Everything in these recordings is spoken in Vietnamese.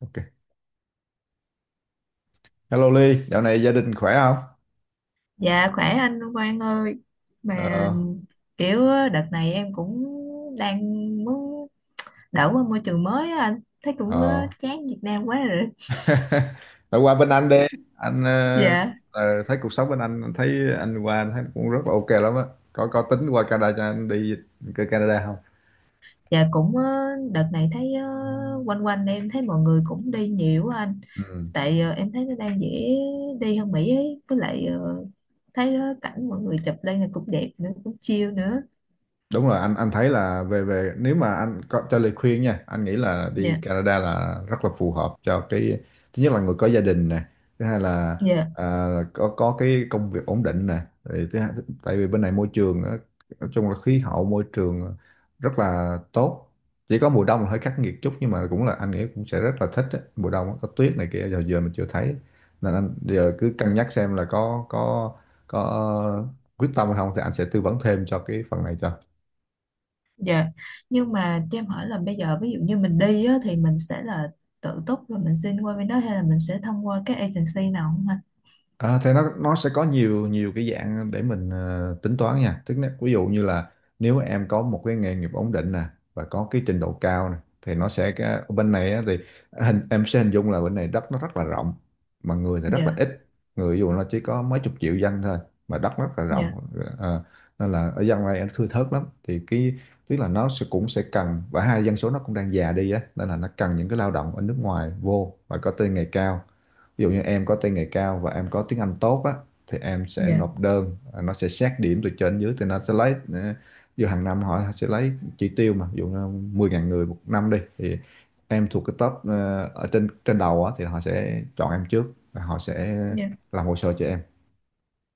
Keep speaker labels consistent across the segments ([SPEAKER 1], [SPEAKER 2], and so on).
[SPEAKER 1] Ok. Hello Ly, dạo này gia đình khỏe không?
[SPEAKER 2] Dạ, khỏe anh Quang ơi. Mà
[SPEAKER 1] Ờ,
[SPEAKER 2] kiểu á, đợt này em cũng đang muốn đổi qua môi trường mới á anh. Thấy cũng
[SPEAKER 1] ờ.
[SPEAKER 2] chán Việt Nam quá rồi.
[SPEAKER 1] Phải qua bên anh đi. Anh
[SPEAKER 2] Dạ.
[SPEAKER 1] thấy cuộc sống bên anh thấy anh qua anh thấy cũng rất là ok lắm á. Có tính qua Canada cho anh đi Canada không?
[SPEAKER 2] Dạ cũng đợt này thấy quanh quanh em thấy mọi người cũng đi nhiều á anh.
[SPEAKER 1] Ừ,
[SPEAKER 2] Tại em thấy nó đang dễ đi hơn Mỹ ấy. Với lại thấy đó, cảnh mọi người chụp lên là cũng đẹp nữa, cũng chill nữa.
[SPEAKER 1] đúng rồi, anh thấy là về về nếu mà anh có cho lời khuyên nha, anh nghĩ là đi
[SPEAKER 2] Dạ.
[SPEAKER 1] Canada là rất là phù hợp cho cái thứ nhất là người có gia đình nè, thứ hai là
[SPEAKER 2] Dạ.
[SPEAKER 1] có cái công việc ổn định nè. Rồi thứ hai, tại vì bên này môi trường á, nói chung là khí hậu môi trường rất là tốt, chỉ có mùa đông là hơi khắc nghiệt chút nhưng mà cũng là anh nghĩ cũng sẽ rất là thích á. Mùa đông á, có tuyết này kia giờ giờ mình chưa thấy, nên anh giờ cứ cân nhắc xem là có quyết tâm hay không thì anh sẽ tư vấn thêm cho cái phần này cho.
[SPEAKER 2] Dạ, nhưng mà cho em hỏi là bây giờ ví dụ như mình đi á, thì mình sẽ là tự túc rồi mình xin qua bên đó hay là mình sẽ thông qua các agency nào không anh?
[SPEAKER 1] À, thì nó sẽ có nhiều nhiều cái dạng để mình tính toán nha. Tức là ví dụ như là nếu em có một cái nghề nghiệp ổn định nè và có cái trình độ cao nè thì nó sẽ cái, ở bên này á, thì hình em sẽ hình dung là bên này đất nó rất là rộng mà người thì rất là
[SPEAKER 2] Dạ,
[SPEAKER 1] ít. Người ví dụ nó chỉ có mấy chục triệu dân thôi mà đất rất là
[SPEAKER 2] dạ,
[SPEAKER 1] rộng. Ờ, Nên là ở dân này nó thưa thớt lắm. Thì cái tức là nó sẽ cũng sẽ cần, và hai dân số nó cũng đang già đi á nên là nó cần những cái lao động ở nước ngoài vô và có tay nghề cao. Ví dụ như em có tay nghề cao và em có tiếng Anh tốt á thì em sẽ
[SPEAKER 2] dạ,
[SPEAKER 1] nộp đơn, à, nó sẽ xét điểm từ trên dưới thì nó sẽ lấy ví dụ hàng năm họ sẽ lấy chỉ tiêu mà ví dụ như 10.000 người một năm đi, thì em thuộc cái top ở trên trên đầu á thì họ sẽ chọn em trước và họ sẽ
[SPEAKER 2] dạ,
[SPEAKER 1] làm hồ sơ cho em.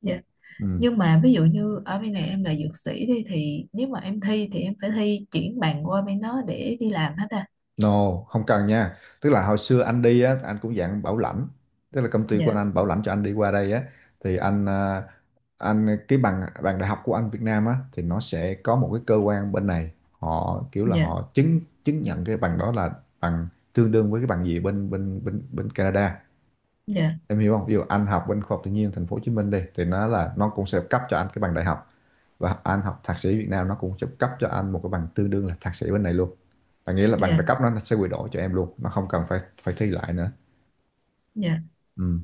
[SPEAKER 2] dạ.
[SPEAKER 1] Ừ.
[SPEAKER 2] Nhưng mà ví dụ như ở bên này em là dược sĩ đi thì nếu mà em thi thì em phải thi chuyển bằng qua bên đó để đi làm hết à?
[SPEAKER 1] No, không cần nha. Tức là hồi xưa anh đi á, anh cũng dạng bảo lãnh. Tức là công ty của
[SPEAKER 2] Dạ,
[SPEAKER 1] anh bảo lãnh cho anh đi qua đây á, thì anh anh cái bằng bằng đại học của anh Việt Nam á thì nó sẽ có một cái cơ quan bên này họ kiểu là
[SPEAKER 2] dạ,
[SPEAKER 1] họ chứng chứng nhận cái bằng đó là bằng tương đương với cái bằng gì bên bên bên bên Canada,
[SPEAKER 2] dạ,
[SPEAKER 1] em hiểu không? Ví dụ anh học bên khoa học tự nhiên thành phố Hồ Chí Minh đi thì nó là nó cũng sẽ cấp cho anh cái bằng đại học, và anh học thạc sĩ Việt Nam nó cũng sẽ cấp cho anh một cái bằng tương đương là thạc sĩ bên này luôn. Là nghĩa là bằng đại
[SPEAKER 2] dạ,
[SPEAKER 1] cấp nó sẽ quy đổi cho em luôn, nó không cần phải phải thi lại nữa.
[SPEAKER 2] dạ.
[SPEAKER 1] Ừ.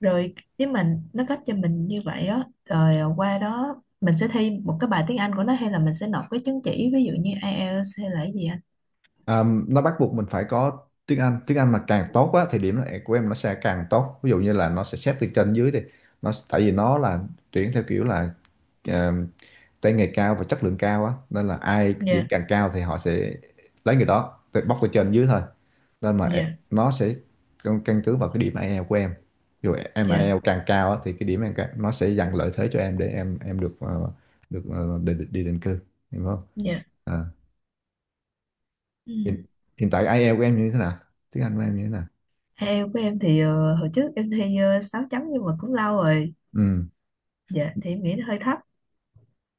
[SPEAKER 2] Rồi nếu mà nó cấp cho mình như vậy đó, rồi qua đó mình sẽ thi một cái bài tiếng Anh của nó hay là mình sẽ nộp cái chứng chỉ ví dụ như IELTS hay là cái gì anh?
[SPEAKER 1] À, nó bắt buộc mình phải có tiếng Anh, tiếng Anh mà càng tốt á thì điểm này của em nó sẽ càng tốt, ví dụ như là nó sẽ xét từ trên dưới đi, nó tại vì nó là tuyển theo kiểu là ờ, tay nghề cao và chất lượng cao á nên là ai điểm
[SPEAKER 2] Dạ,
[SPEAKER 1] càng cao thì họ sẽ lấy người đó từ bóc từ trên dưới thôi, nên mà
[SPEAKER 2] dạ.
[SPEAKER 1] nó sẽ căn căn cứ vào cái điểm IELTS của em, dù em
[SPEAKER 2] Dạ,
[SPEAKER 1] IELTS càng cao á thì cái điểm em càng, nó sẽ dành lợi thế cho em để em được được đi, đi định cư, hiểu không.
[SPEAKER 2] dạ,
[SPEAKER 1] À hiện,
[SPEAKER 2] ừ.
[SPEAKER 1] hiện tại IELTS của em như thế nào, tiếng Anh của em như thế nào.
[SPEAKER 2] Theo của em thì hồi trước em thi 6 chấm nhưng mà cũng lâu rồi.
[SPEAKER 1] Ừ.
[SPEAKER 2] Dạ, thì em nghĩ nó hơi thấp.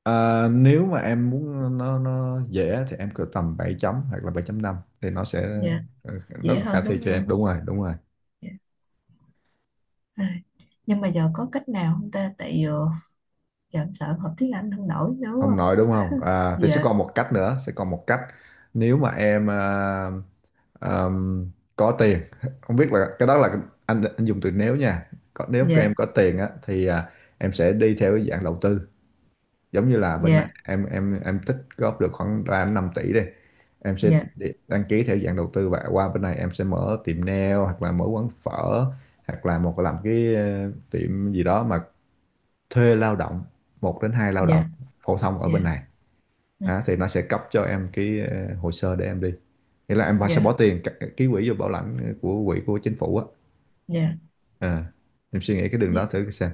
[SPEAKER 1] Ờ, nếu mà em muốn nó dễ thì em cỡ tầm 7 chấm hoặc là bảy chấm năm thì nó sẽ
[SPEAKER 2] Dạ,
[SPEAKER 1] ờ, rất
[SPEAKER 2] dễ
[SPEAKER 1] là khả
[SPEAKER 2] hơn
[SPEAKER 1] thi
[SPEAKER 2] đúng
[SPEAKER 1] cho
[SPEAKER 2] không
[SPEAKER 1] em,
[SPEAKER 2] anh?
[SPEAKER 1] đúng rồi đúng rồi.
[SPEAKER 2] Dạ. À, nhưng mà giờ có cách nào không ta, tại giờ em sợ em học tiếng Anh không nổi nữa
[SPEAKER 1] Không
[SPEAKER 2] quá.
[SPEAKER 1] nói đúng không à, thì sẽ
[SPEAKER 2] Dạ,
[SPEAKER 1] còn một cách nữa, sẽ còn một cách nếu mà em ờm, có tiền không biết là cái đó là anh dùng từ nếu nha, có, nếu các em
[SPEAKER 2] dạ,
[SPEAKER 1] có tiền á thì em sẽ đi theo cái dạng đầu tư, giống như là bên này
[SPEAKER 2] dạ,
[SPEAKER 1] em tích góp được khoảng ra 5 tỷ đi, em sẽ
[SPEAKER 2] dạ,
[SPEAKER 1] đăng ký theo dạng đầu tư và qua bên này em sẽ mở tiệm nail hoặc là mở quán phở, hoặc là một làm cái tiệm gì đó mà thuê lao động, một đến hai lao động
[SPEAKER 2] dạ,
[SPEAKER 1] phổ thông ở
[SPEAKER 2] dạ,
[SPEAKER 1] bên này.
[SPEAKER 2] ừ,
[SPEAKER 1] Đó, thì nó sẽ cấp cho em cái hồ sơ để em đi, nghĩa là em phải sẽ bỏ
[SPEAKER 2] dạ,
[SPEAKER 1] tiền ký quỹ vô bảo lãnh của quỹ của chính phủ á.
[SPEAKER 2] dạ,
[SPEAKER 1] Ờ, em suy nghĩ cái đường đó
[SPEAKER 2] dạ,
[SPEAKER 1] thử xem.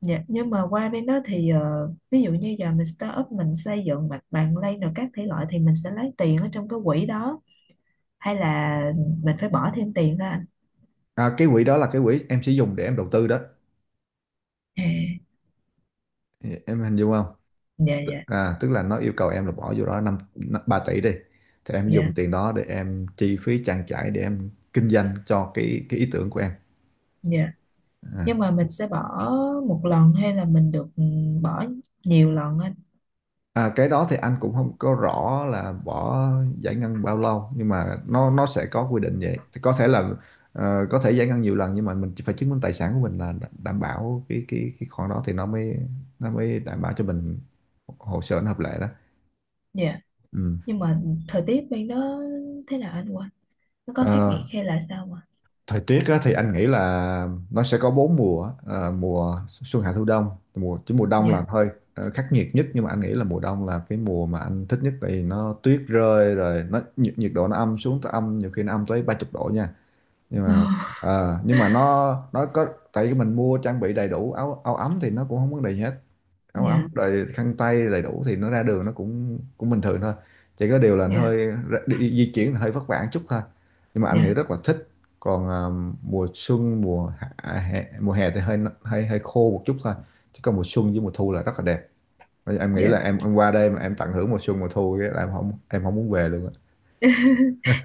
[SPEAKER 2] dạ. Nhưng mà qua bên đó thì ví dụ như giờ mình start up, mình xây dựng mặt bằng lay rồi các thể loại thì mình sẽ lấy tiền ở trong cái quỹ đó hay là mình phải bỏ thêm tiền ra anh?
[SPEAKER 1] À, cái quỹ đó là cái quỹ em sẽ dùng để em đầu tư đó,
[SPEAKER 2] À.
[SPEAKER 1] em hình dung không.
[SPEAKER 2] Dạ, dạ,
[SPEAKER 1] Tức là nó yêu cầu em là bỏ vô đó năm 3 tỷ đi, thì em dùng
[SPEAKER 2] dạ,
[SPEAKER 1] tiền đó để em chi phí trang trải để em kinh doanh cho cái ý tưởng của em.
[SPEAKER 2] dạ.
[SPEAKER 1] À.
[SPEAKER 2] Nhưng mà mình sẽ bỏ một lần hay là mình được bỏ nhiều lần anh?
[SPEAKER 1] À, cái đó thì anh cũng không có rõ là bỏ giải ngân bao lâu nhưng mà nó sẽ có quy định vậy thì có thể là có thể giải ngân nhiều lần, nhưng mà mình chỉ phải chứng minh tài sản của mình là đảm bảo cái khoản đó thì nó mới đảm bảo cho mình hồ sơ nó hợp lệ đó.
[SPEAKER 2] Dạ,
[SPEAKER 1] Ừ.
[SPEAKER 2] nhưng mà thời tiết bên đó thế nào anh quên, nó có khắc
[SPEAKER 1] Ờ,
[SPEAKER 2] nghiệt hay là sao mà?
[SPEAKER 1] thời tiết á, thì anh nghĩ là nó sẽ có bốn mùa, à, mùa xuân hạ thu đông, mùa chứ mùa đông là
[SPEAKER 2] Dạ.
[SPEAKER 1] hơi khắc nghiệt nhất, nhưng mà anh nghĩ là mùa đông là cái mùa mà anh thích nhất, tại vì nó tuyết rơi rồi nó nhiệt, nhiệt độ nó âm xuống tới âm, nhiều khi nó âm tới ba chục độ nha, nhưng mà nhưng mà nó có tại vì mình mua trang bị đầy đủ áo áo ấm thì nó cũng không vấn đề gì hết. Áo ấm
[SPEAKER 2] Dạ,
[SPEAKER 1] rồi khăn tay đầy đủ thì nó ra đường nó cũng cũng bình thường thôi, chỉ có điều là nó
[SPEAKER 2] dạ,
[SPEAKER 1] hơi đi, đi, di chuyển là hơi vất vả một chút thôi, nhưng mà anh nghĩ
[SPEAKER 2] dạ,
[SPEAKER 1] rất là thích. Còn mùa xuân mùa hạ, mùa hè thì hơi hơi hơi khô một chút thôi, chứ còn mùa xuân với mùa thu là rất là đẹp. Bây giờ em nghĩ
[SPEAKER 2] dạ.
[SPEAKER 1] là em qua đây mà em tận hưởng mùa xuân mùa thu cái là em không muốn về luôn á.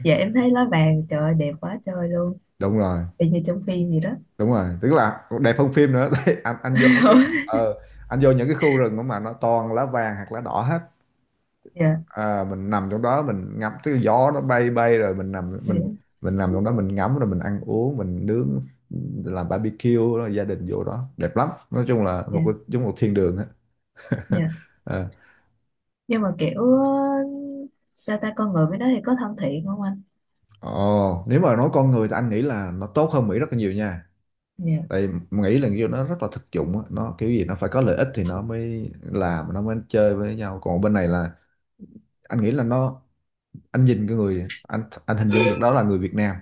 [SPEAKER 2] Dạ, em thấy lá vàng trời ơi, đẹp quá trời luôn.
[SPEAKER 1] Đúng rồi
[SPEAKER 2] Y như trong phim gì đó.
[SPEAKER 1] đúng rồi, tức là đẹp hơn phim nữa. Tại anh vô mấy cái ờ, anh vô những cái khu rừng mà nó toàn lá vàng hoặc lá đỏ hết,
[SPEAKER 2] Dạ,
[SPEAKER 1] à, mình nằm trong đó mình ngắm cái gió nó bay bay rồi mình nằm
[SPEAKER 2] dạ,
[SPEAKER 1] mình nằm trong đó mình ngắm rồi mình ăn uống mình nướng, làm barbecue rồi gia đình vô đó đẹp lắm, nói chung là một
[SPEAKER 2] dạ,
[SPEAKER 1] cái giống một thiên đường á.
[SPEAKER 2] dạ.
[SPEAKER 1] Ờ.
[SPEAKER 2] Nhưng mà kiểu sao ta, con người với nó thì có thân thiện không anh?
[SPEAKER 1] Ồ, nếu mà nói con người thì anh nghĩ là nó tốt hơn Mỹ rất là nhiều nha.
[SPEAKER 2] Dạ,
[SPEAKER 1] Tại Mỹ là kiểu nó rất là thực dụng á, nó kiểu gì nó phải có lợi ích thì nó mới làm, nó mới chơi với nhau. Còn bên này là anh nghĩ là nó, anh nhìn cái người anh hình dung được đó là người Việt Nam,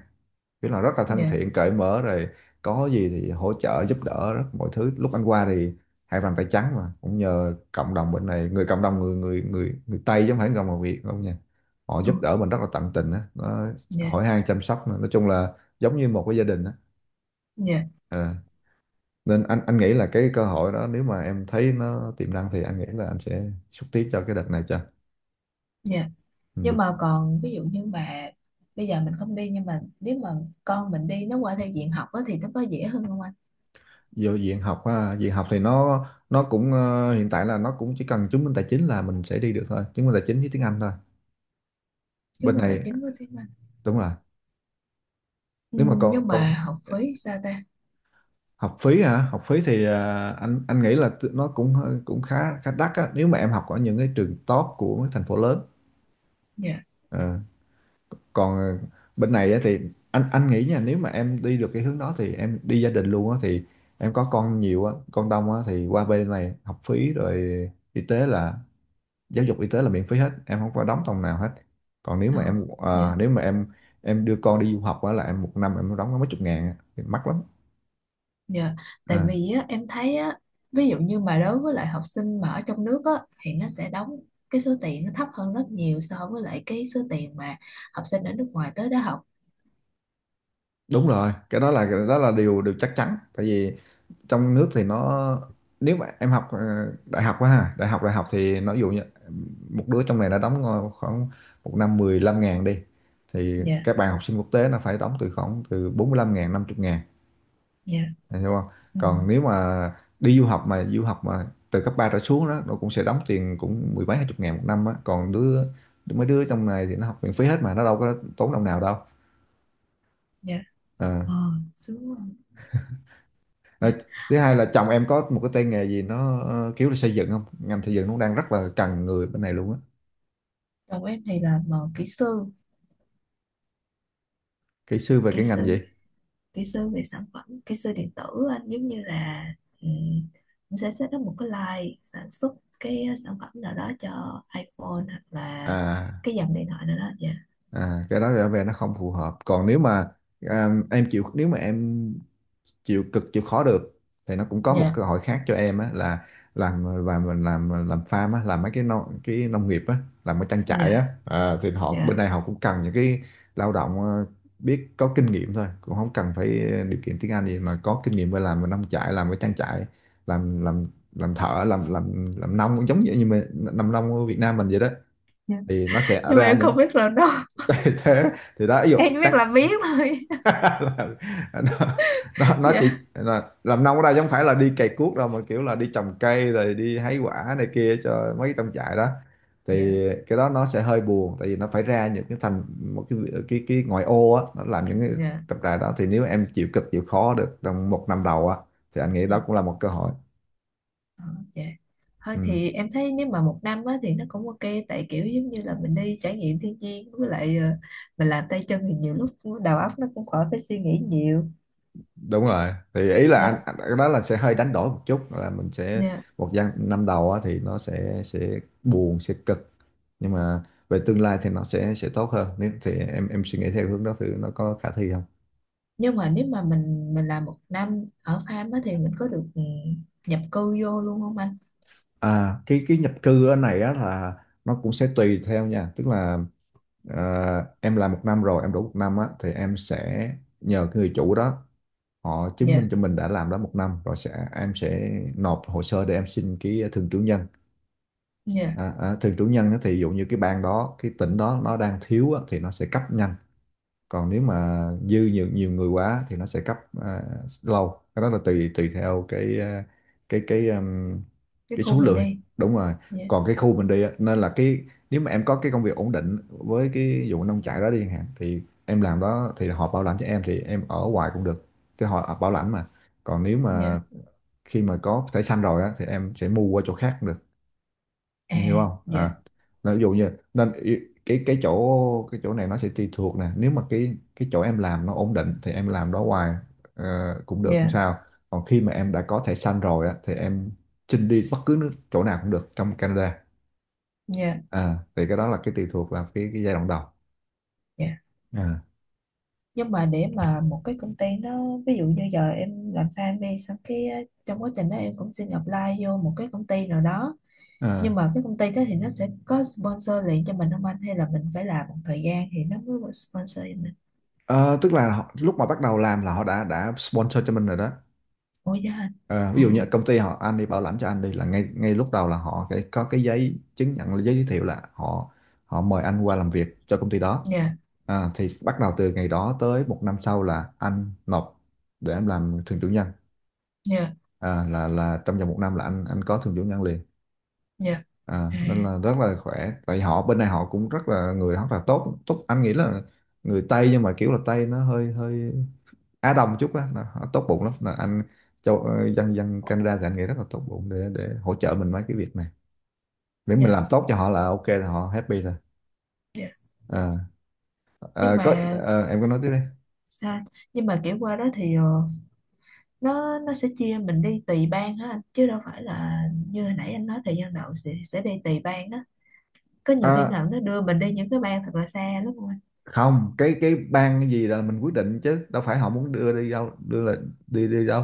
[SPEAKER 1] biết là rất là thân
[SPEAKER 2] dạ.
[SPEAKER 1] thiện cởi mở rồi, có gì thì hỗ trợ giúp đỡ rất mọi thứ. Lúc anh qua thì hai bàn tay trắng mà cũng nhờ cộng đồng bên này, người cộng đồng người người người người Tây chứ không phải cộng đồng Việt không nha, họ
[SPEAKER 2] Ồ,
[SPEAKER 1] giúp đỡ mình rất là tận tình á, nó
[SPEAKER 2] dạ,
[SPEAKER 1] hỏi han chăm sóc nữa. Nói chung là giống như một cái gia đình á.
[SPEAKER 2] dạ,
[SPEAKER 1] Ờ. Nên anh nghĩ là cái cơ hội đó nếu mà em thấy nó tiềm năng thì anh nghĩ là anh sẽ xúc tiến cho cái đợt này cho.
[SPEAKER 2] dạ.
[SPEAKER 1] Ừ.
[SPEAKER 2] Nhưng mà còn ví dụ như mà bây giờ mình không đi nhưng mà nếu mà con mình đi, nó qua theo diện học á thì nó có dễ hơn không anh?
[SPEAKER 1] Vô diện học ha? Diện học thì nó cũng hiện tại là nó cũng chỉ cần chứng minh tài chính là mình sẽ đi được thôi, chứng minh tài chính với tiếng Anh thôi.
[SPEAKER 2] Chứng
[SPEAKER 1] Bên
[SPEAKER 2] minh tài
[SPEAKER 1] này
[SPEAKER 2] chính, có tiếng Anh.
[SPEAKER 1] đúng rồi.
[SPEAKER 2] Ừ,
[SPEAKER 1] Nếu mà còn
[SPEAKER 2] nhưng
[SPEAKER 1] còn
[SPEAKER 2] mà học phí sao ta?
[SPEAKER 1] học phí hả? Học phí thì anh nghĩ là nó cũng cũng khá khá đắt á, nếu mà em học ở những cái trường top của mấy thành phố lớn.
[SPEAKER 2] Dạ,
[SPEAKER 1] Ờ, Còn bên này á thì anh nghĩ nha, nếu mà em đi được cái hướng đó thì em đi gia đình luôn á, thì em có con nhiều á, con đông á, thì qua bên này học phí rồi y tế là giáo dục, y tế là miễn phí hết, em không có đóng đồng nào hết. Còn nếu
[SPEAKER 2] ờ,
[SPEAKER 1] mà em
[SPEAKER 2] dạ,
[SPEAKER 1] nếu mà em đưa con đi du học á là em một năm em đóng có mấy chục ngàn á, thì mắc lắm.
[SPEAKER 2] dạ. Tại
[SPEAKER 1] à,
[SPEAKER 2] vì á, em thấy á, ví dụ như mà đối với lại học sinh mà ở trong nước á thì nó sẽ đóng cái số tiền nó thấp hơn rất nhiều so với lại cái số tiền mà học sinh ở nước ngoài tới đó học.
[SPEAKER 1] đúng rồi, cái đó là điều điều chắc chắn, tại vì trong nước thì nó, nếu mà em học đại học quá ha, đại học, đại học thì nó ví dụ như một đứa trong này đã đóng khoảng một năm 15 ngàn đi, thì
[SPEAKER 2] Dạ,
[SPEAKER 1] các bạn học sinh quốc tế nó phải đóng từ khoảng từ 45 ngàn 50 ngàn.
[SPEAKER 2] dạ,
[SPEAKER 1] Em hiểu không?
[SPEAKER 2] ừ,
[SPEAKER 1] Còn nếu mà đi du học mà, du học mà từ cấp 3 trở xuống đó nó cũng sẽ đóng tiền cũng mười mấy hai chục ngàn một năm á, còn mấy đứa trong này thì nó học miễn phí hết, mà nó đâu có tốn đồng nào đâu.
[SPEAKER 2] dạ.
[SPEAKER 1] À.
[SPEAKER 2] ờ Sướng quá. Dạ.
[SPEAKER 1] Rồi, thứ hai là chồng em có một cái tay nghề gì nó kiểu là xây dựng không? Ngành xây dựng nó đang rất là cần người bên này luôn á.
[SPEAKER 2] Chồng em thì là mà kỹ sư,
[SPEAKER 1] Kỹ sư về
[SPEAKER 2] kỹ
[SPEAKER 1] cái ngành
[SPEAKER 2] sư
[SPEAKER 1] gì?
[SPEAKER 2] kỹ sư về sản phẩm, kỹ sư điện tử. Anh giống như là um, em sẽ set up một cái line sản xuất cái sản phẩm nào đó cho iPhone hoặc là
[SPEAKER 1] À,
[SPEAKER 2] cái dòng điện thoại nào đó. Dạ.
[SPEAKER 1] à, cái đó trở về nó không phù hợp. Còn nếu mà em chịu, nếu mà em chịu cực chịu khó được thì nó cũng có một
[SPEAKER 2] Dạ,
[SPEAKER 1] cơ hội khác cho em á, là làm và mình làm farm á, làm mấy cái nông nghiệp á, làm cái trang trại
[SPEAKER 2] dạ,
[SPEAKER 1] á. À, thì họ
[SPEAKER 2] dạ,
[SPEAKER 1] bên đây họ cũng cần những cái lao động biết có kinh nghiệm thôi, cũng không cần phải điều kiện tiếng Anh gì, mà có kinh nghiệm về làm về nông trại, làm cái trang trại, làm làm thợ, làm nông, cũng giống như như mình làm nông ở Việt Nam mình vậy đó,
[SPEAKER 2] dạ.
[SPEAKER 1] thì nó sẽ
[SPEAKER 2] Nhưng mà
[SPEAKER 1] ra
[SPEAKER 2] em
[SPEAKER 1] những
[SPEAKER 2] không biết làm đâu.
[SPEAKER 1] thế, thì đó ví dụ
[SPEAKER 2] Em chỉ biết làm biếng thôi.
[SPEAKER 1] Là, nó, nó chỉ
[SPEAKER 2] Dạ,
[SPEAKER 1] là, làm nông ở đây chứ không phải là đi cày cuốc đâu, mà kiểu là đi trồng cây rồi đi hái quả này kia cho mấy trong trại đó.
[SPEAKER 2] dạ,
[SPEAKER 1] Thì cái đó nó sẽ hơi buồn, tại vì nó phải ra những cái thành một cái cái ngoại ô á, nó làm những cái
[SPEAKER 2] dạ,
[SPEAKER 1] trồng trại đó. Thì nếu em chịu cực chịu khó được trong một năm đầu á, thì anh nghĩ
[SPEAKER 2] ừ.
[SPEAKER 1] đó cũng là một cơ hội.
[SPEAKER 2] ờ, dạ, thôi
[SPEAKER 1] Ừ.
[SPEAKER 2] thì em thấy nếu mà một năm á, thì nó cũng ok. Tại kiểu giống như là mình đi trải nghiệm thiên nhiên với lại mình làm tay chân thì nhiều lúc đầu óc nó cũng khỏi phải suy nghĩ nhiều.
[SPEAKER 1] Đúng rồi, thì ý là
[SPEAKER 2] Dạ.
[SPEAKER 1] anh cái đó là sẽ hơi đánh đổi một chút, là mình sẽ
[SPEAKER 2] Dạ.
[SPEAKER 1] năm đầu á, thì nó sẽ buồn sẽ cực, nhưng mà về tương lai thì nó sẽ tốt hơn, nếu thì em suy nghĩ theo hướng đó, thì nó có khả thi không?
[SPEAKER 2] Nhưng mà nếu mà mình làm một năm ở farm á thì mình có được nhập cư vô luôn không anh?
[SPEAKER 1] À, cái nhập cư ở này á là nó cũng sẽ tùy theo nha, tức là ờ, em làm một năm rồi em đủ một năm á, thì em sẽ nhờ cái người chủ đó họ chứng minh
[SPEAKER 2] Dạ,
[SPEAKER 1] cho mình đã làm đó một năm rồi, sẽ em sẽ nộp hồ sơ để em xin cái thường trú nhân.
[SPEAKER 2] dạ,
[SPEAKER 1] Thường chủ nhân á, thì ví dụ như cái bang đó, cái tỉnh đó nó đang thiếu á, thì nó sẽ cấp nhanh. Còn nếu mà dư nhiều nhiều người quá thì nó sẽ cấp à, lâu. Cái đó là tùy tùy theo cái cái
[SPEAKER 2] cái
[SPEAKER 1] cái
[SPEAKER 2] khu
[SPEAKER 1] số
[SPEAKER 2] mình
[SPEAKER 1] lượng.
[SPEAKER 2] đi.
[SPEAKER 1] Đúng rồi,
[SPEAKER 2] Dạ,
[SPEAKER 1] còn cái khu mình đi á, nên là cái, nếu mà em có cái công việc ổn định với cái vụ nông trại đó đi chẳng hạn, thì em làm đó, thì họ bảo lãnh cho em thì em ở hoài cũng được, chứ họ bảo lãnh mà. Còn nếu
[SPEAKER 2] dạ,
[SPEAKER 1] mà khi mà có thẻ xanh rồi á, thì em sẽ mua qua chỗ khác cũng được.
[SPEAKER 2] à,
[SPEAKER 1] Em hiểu không?
[SPEAKER 2] dạ,
[SPEAKER 1] À, là ví dụ như nên cái chỗ cái chỗ này nó sẽ tùy thuộc nè, nếu mà cái chỗ em làm nó ổn định thì em làm đó hoài, ờ, cũng được không
[SPEAKER 2] dạ,
[SPEAKER 1] sao. Còn khi mà em đã có thẻ xanh rồi á, thì em xin đi bất cứ chỗ nào cũng được trong Canada.
[SPEAKER 2] dạ,
[SPEAKER 1] À, thì cái đó là cái tùy thuộc vào cái giai đoạn đầu.
[SPEAKER 2] dạ.
[SPEAKER 1] À.
[SPEAKER 2] Nhưng mà để mà một cái công ty nó ví dụ như giờ em làm farm đi, xong cái trong quá trình đó em cũng xin apply vô một cái công ty nào đó. Nhưng
[SPEAKER 1] À.
[SPEAKER 2] mà cái công ty đó thì nó sẽ có sponsor liền cho mình không anh hay là mình phải làm một thời gian thì nó mới có sponsor cho mình?
[SPEAKER 1] Ờ, tức là họ, lúc mà bắt đầu làm là họ đã sponsor cho mình rồi đó.
[SPEAKER 2] Ôi, dạ anh.
[SPEAKER 1] Ờ, ví
[SPEAKER 2] Ồ,
[SPEAKER 1] dụ như công ty họ anh đi bảo lãnh cho anh đi, là ngay ngay lúc đầu là họ phải có cái giấy chứng nhận, giấy giới thiệu, là họ họ mời anh qua làm việc cho công ty đó.
[SPEAKER 2] dạ,
[SPEAKER 1] À, thì bắt đầu từ ngày đó tới một năm sau là anh nộp để em làm thường chủ nhân.
[SPEAKER 2] dạ,
[SPEAKER 1] À, là trong vòng một năm là anh có thường chủ nhân liền.
[SPEAKER 2] dạ,
[SPEAKER 1] À,
[SPEAKER 2] à,
[SPEAKER 1] nên là rất là khỏe, tại họ bên này họ cũng rất là người rất là tốt tốt, anh nghĩ là người Tây, nhưng mà kiểu là Tây nó hơi hơi Á Đông chút á, nó tốt bụng lắm, là anh châu, dân dân Canada thì anh nghĩ rất là tốt bụng để hỗ trợ mình mấy cái việc này, miễn mình
[SPEAKER 2] dạ,
[SPEAKER 1] làm tốt cho họ là ok, là họ happy rồi.
[SPEAKER 2] dạ.
[SPEAKER 1] Ờ,
[SPEAKER 2] nhưng mà
[SPEAKER 1] em có nói tiếp đi.
[SPEAKER 2] sao nhưng mà kiểu qua đó thì nó sẽ chia mình đi tùy bang hả anh, chứ đâu phải là như hồi nãy anh nói thời gian đầu sẽ đi tùy bang đó. Có nhiều khi
[SPEAKER 1] Ờ,
[SPEAKER 2] nào nó đưa mình đi những cái bang thật là xa lắm không anh?
[SPEAKER 1] không, cái cái ban gì là mình quyết định, chứ đâu phải họ muốn đưa đi đâu đưa, là đi đi đâu.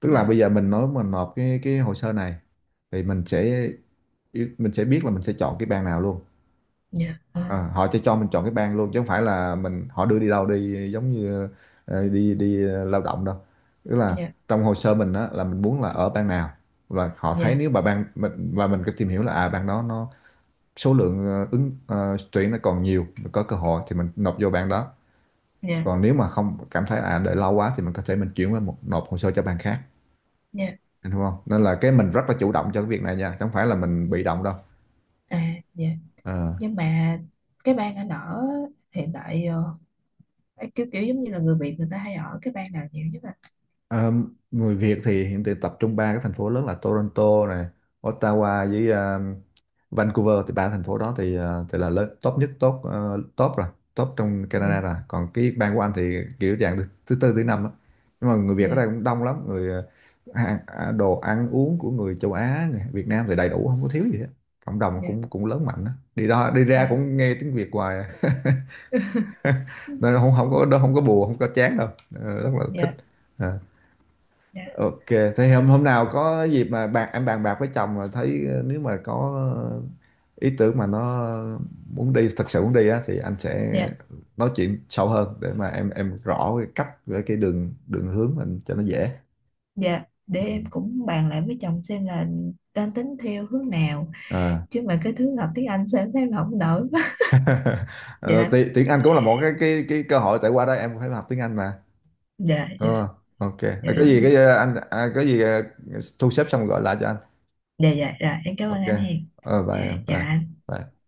[SPEAKER 1] Tức là
[SPEAKER 2] Dạ,
[SPEAKER 1] bây giờ mình nói mình nộp cái hồ sơ này, thì mình sẽ biết là mình sẽ chọn cái ban nào luôn.
[SPEAKER 2] dạ,
[SPEAKER 1] Ờ, họ sẽ cho mình chọn cái bang luôn, chứ không phải là mình họ đưa đi đâu đi, giống như ờ, đi đi ờ, lao động đâu. Tức là
[SPEAKER 2] dạ,
[SPEAKER 1] trong hồ sơ mình á là mình muốn là ở bang nào, và họ thấy
[SPEAKER 2] dạ,
[SPEAKER 1] nếu mà bang mình, và mình có tìm hiểu là à, bang đó nó số lượng ứng tuyển nó còn nhiều, mình có cơ hội thì mình nộp vô bang đó.
[SPEAKER 2] dạ,
[SPEAKER 1] Còn nếu mà không, cảm thấy à đợi lâu quá, thì mình có thể chuyển qua một nộp hồ sơ cho bang khác.
[SPEAKER 2] dạ,
[SPEAKER 1] Anh hiểu không? Nên là cái mình rất là chủ động cho cái việc này nha, chứ không phải là mình bị động đâu.
[SPEAKER 2] à, dạ.
[SPEAKER 1] Ờ.
[SPEAKER 2] Nhưng mà cái bang anh ở hiện tại ấy, kiểu kiểu giống như là người Việt người ta hay ở cái bang nào nhiều nhất à?
[SPEAKER 1] Ờ, người Việt thì hiện tại tập trung ba cái thành phố lớn là Toronto này, Ottawa với Vancouver. Thì ba thành phố đó thì thì là lớn top nhất, top ờ, top rồi, top trong
[SPEAKER 2] Dạ,
[SPEAKER 1] Canada rồi. Còn cái bang của Anh thì kiểu dạng thứ tư thứ năm á, nhưng mà người Việt ở
[SPEAKER 2] dạ,
[SPEAKER 1] đây cũng đông lắm, người đồ ăn uống của người châu Á, người Việt Nam thì đầy đủ, không có thiếu gì hết, cộng đồng
[SPEAKER 2] dạ,
[SPEAKER 1] cũng cũng lớn mạnh á, đi đó đi ra
[SPEAKER 2] dạ,
[SPEAKER 1] cũng nghe tiếng Việt hoài à.
[SPEAKER 2] dạ,
[SPEAKER 1] Nên không, không có không có buồn, không có chán đâu. Ờ, rất là thích.
[SPEAKER 2] dạ,
[SPEAKER 1] Ờ.
[SPEAKER 2] dạ,
[SPEAKER 1] Ok, thế hôm hôm nào có dịp mà bạn em bàn bạc với chồng mà thấy nếu mà có ờ, ý tưởng mà nó muốn đi, thật sự muốn đi á, thì anh sẽ
[SPEAKER 2] dạ.
[SPEAKER 1] nói chuyện sâu hơn để mà em rõ cái cách với cái đường đường hướng mình cho nó dễ.
[SPEAKER 2] Dạ, để
[SPEAKER 1] Ừ.
[SPEAKER 2] em cũng bàn lại với chồng xem là đang tính theo hướng nào.
[SPEAKER 1] À.
[SPEAKER 2] Chứ mà cái thứ học tiếng Anh sao em thấy mà không nổi quá.
[SPEAKER 1] Ờ,
[SPEAKER 2] Dạ,
[SPEAKER 1] tiếng Anh cũng là một cái cái cơ hội, tại qua đó em cũng phải học tiếng Anh mà.
[SPEAKER 2] dạ, dạ,
[SPEAKER 1] Ờ, ok. Ờ,
[SPEAKER 2] dạ,
[SPEAKER 1] có
[SPEAKER 2] đúng
[SPEAKER 1] gì
[SPEAKER 2] rồi.
[SPEAKER 1] cái có gì thu xếp xong gọi lại cho anh.
[SPEAKER 2] Dạ, dạ, rồi em cảm ơn
[SPEAKER 1] Ok.
[SPEAKER 2] anh Hiền.
[SPEAKER 1] Ờ
[SPEAKER 2] Dạ,
[SPEAKER 1] bye em,
[SPEAKER 2] chào
[SPEAKER 1] bye.
[SPEAKER 2] anh.
[SPEAKER 1] Bye.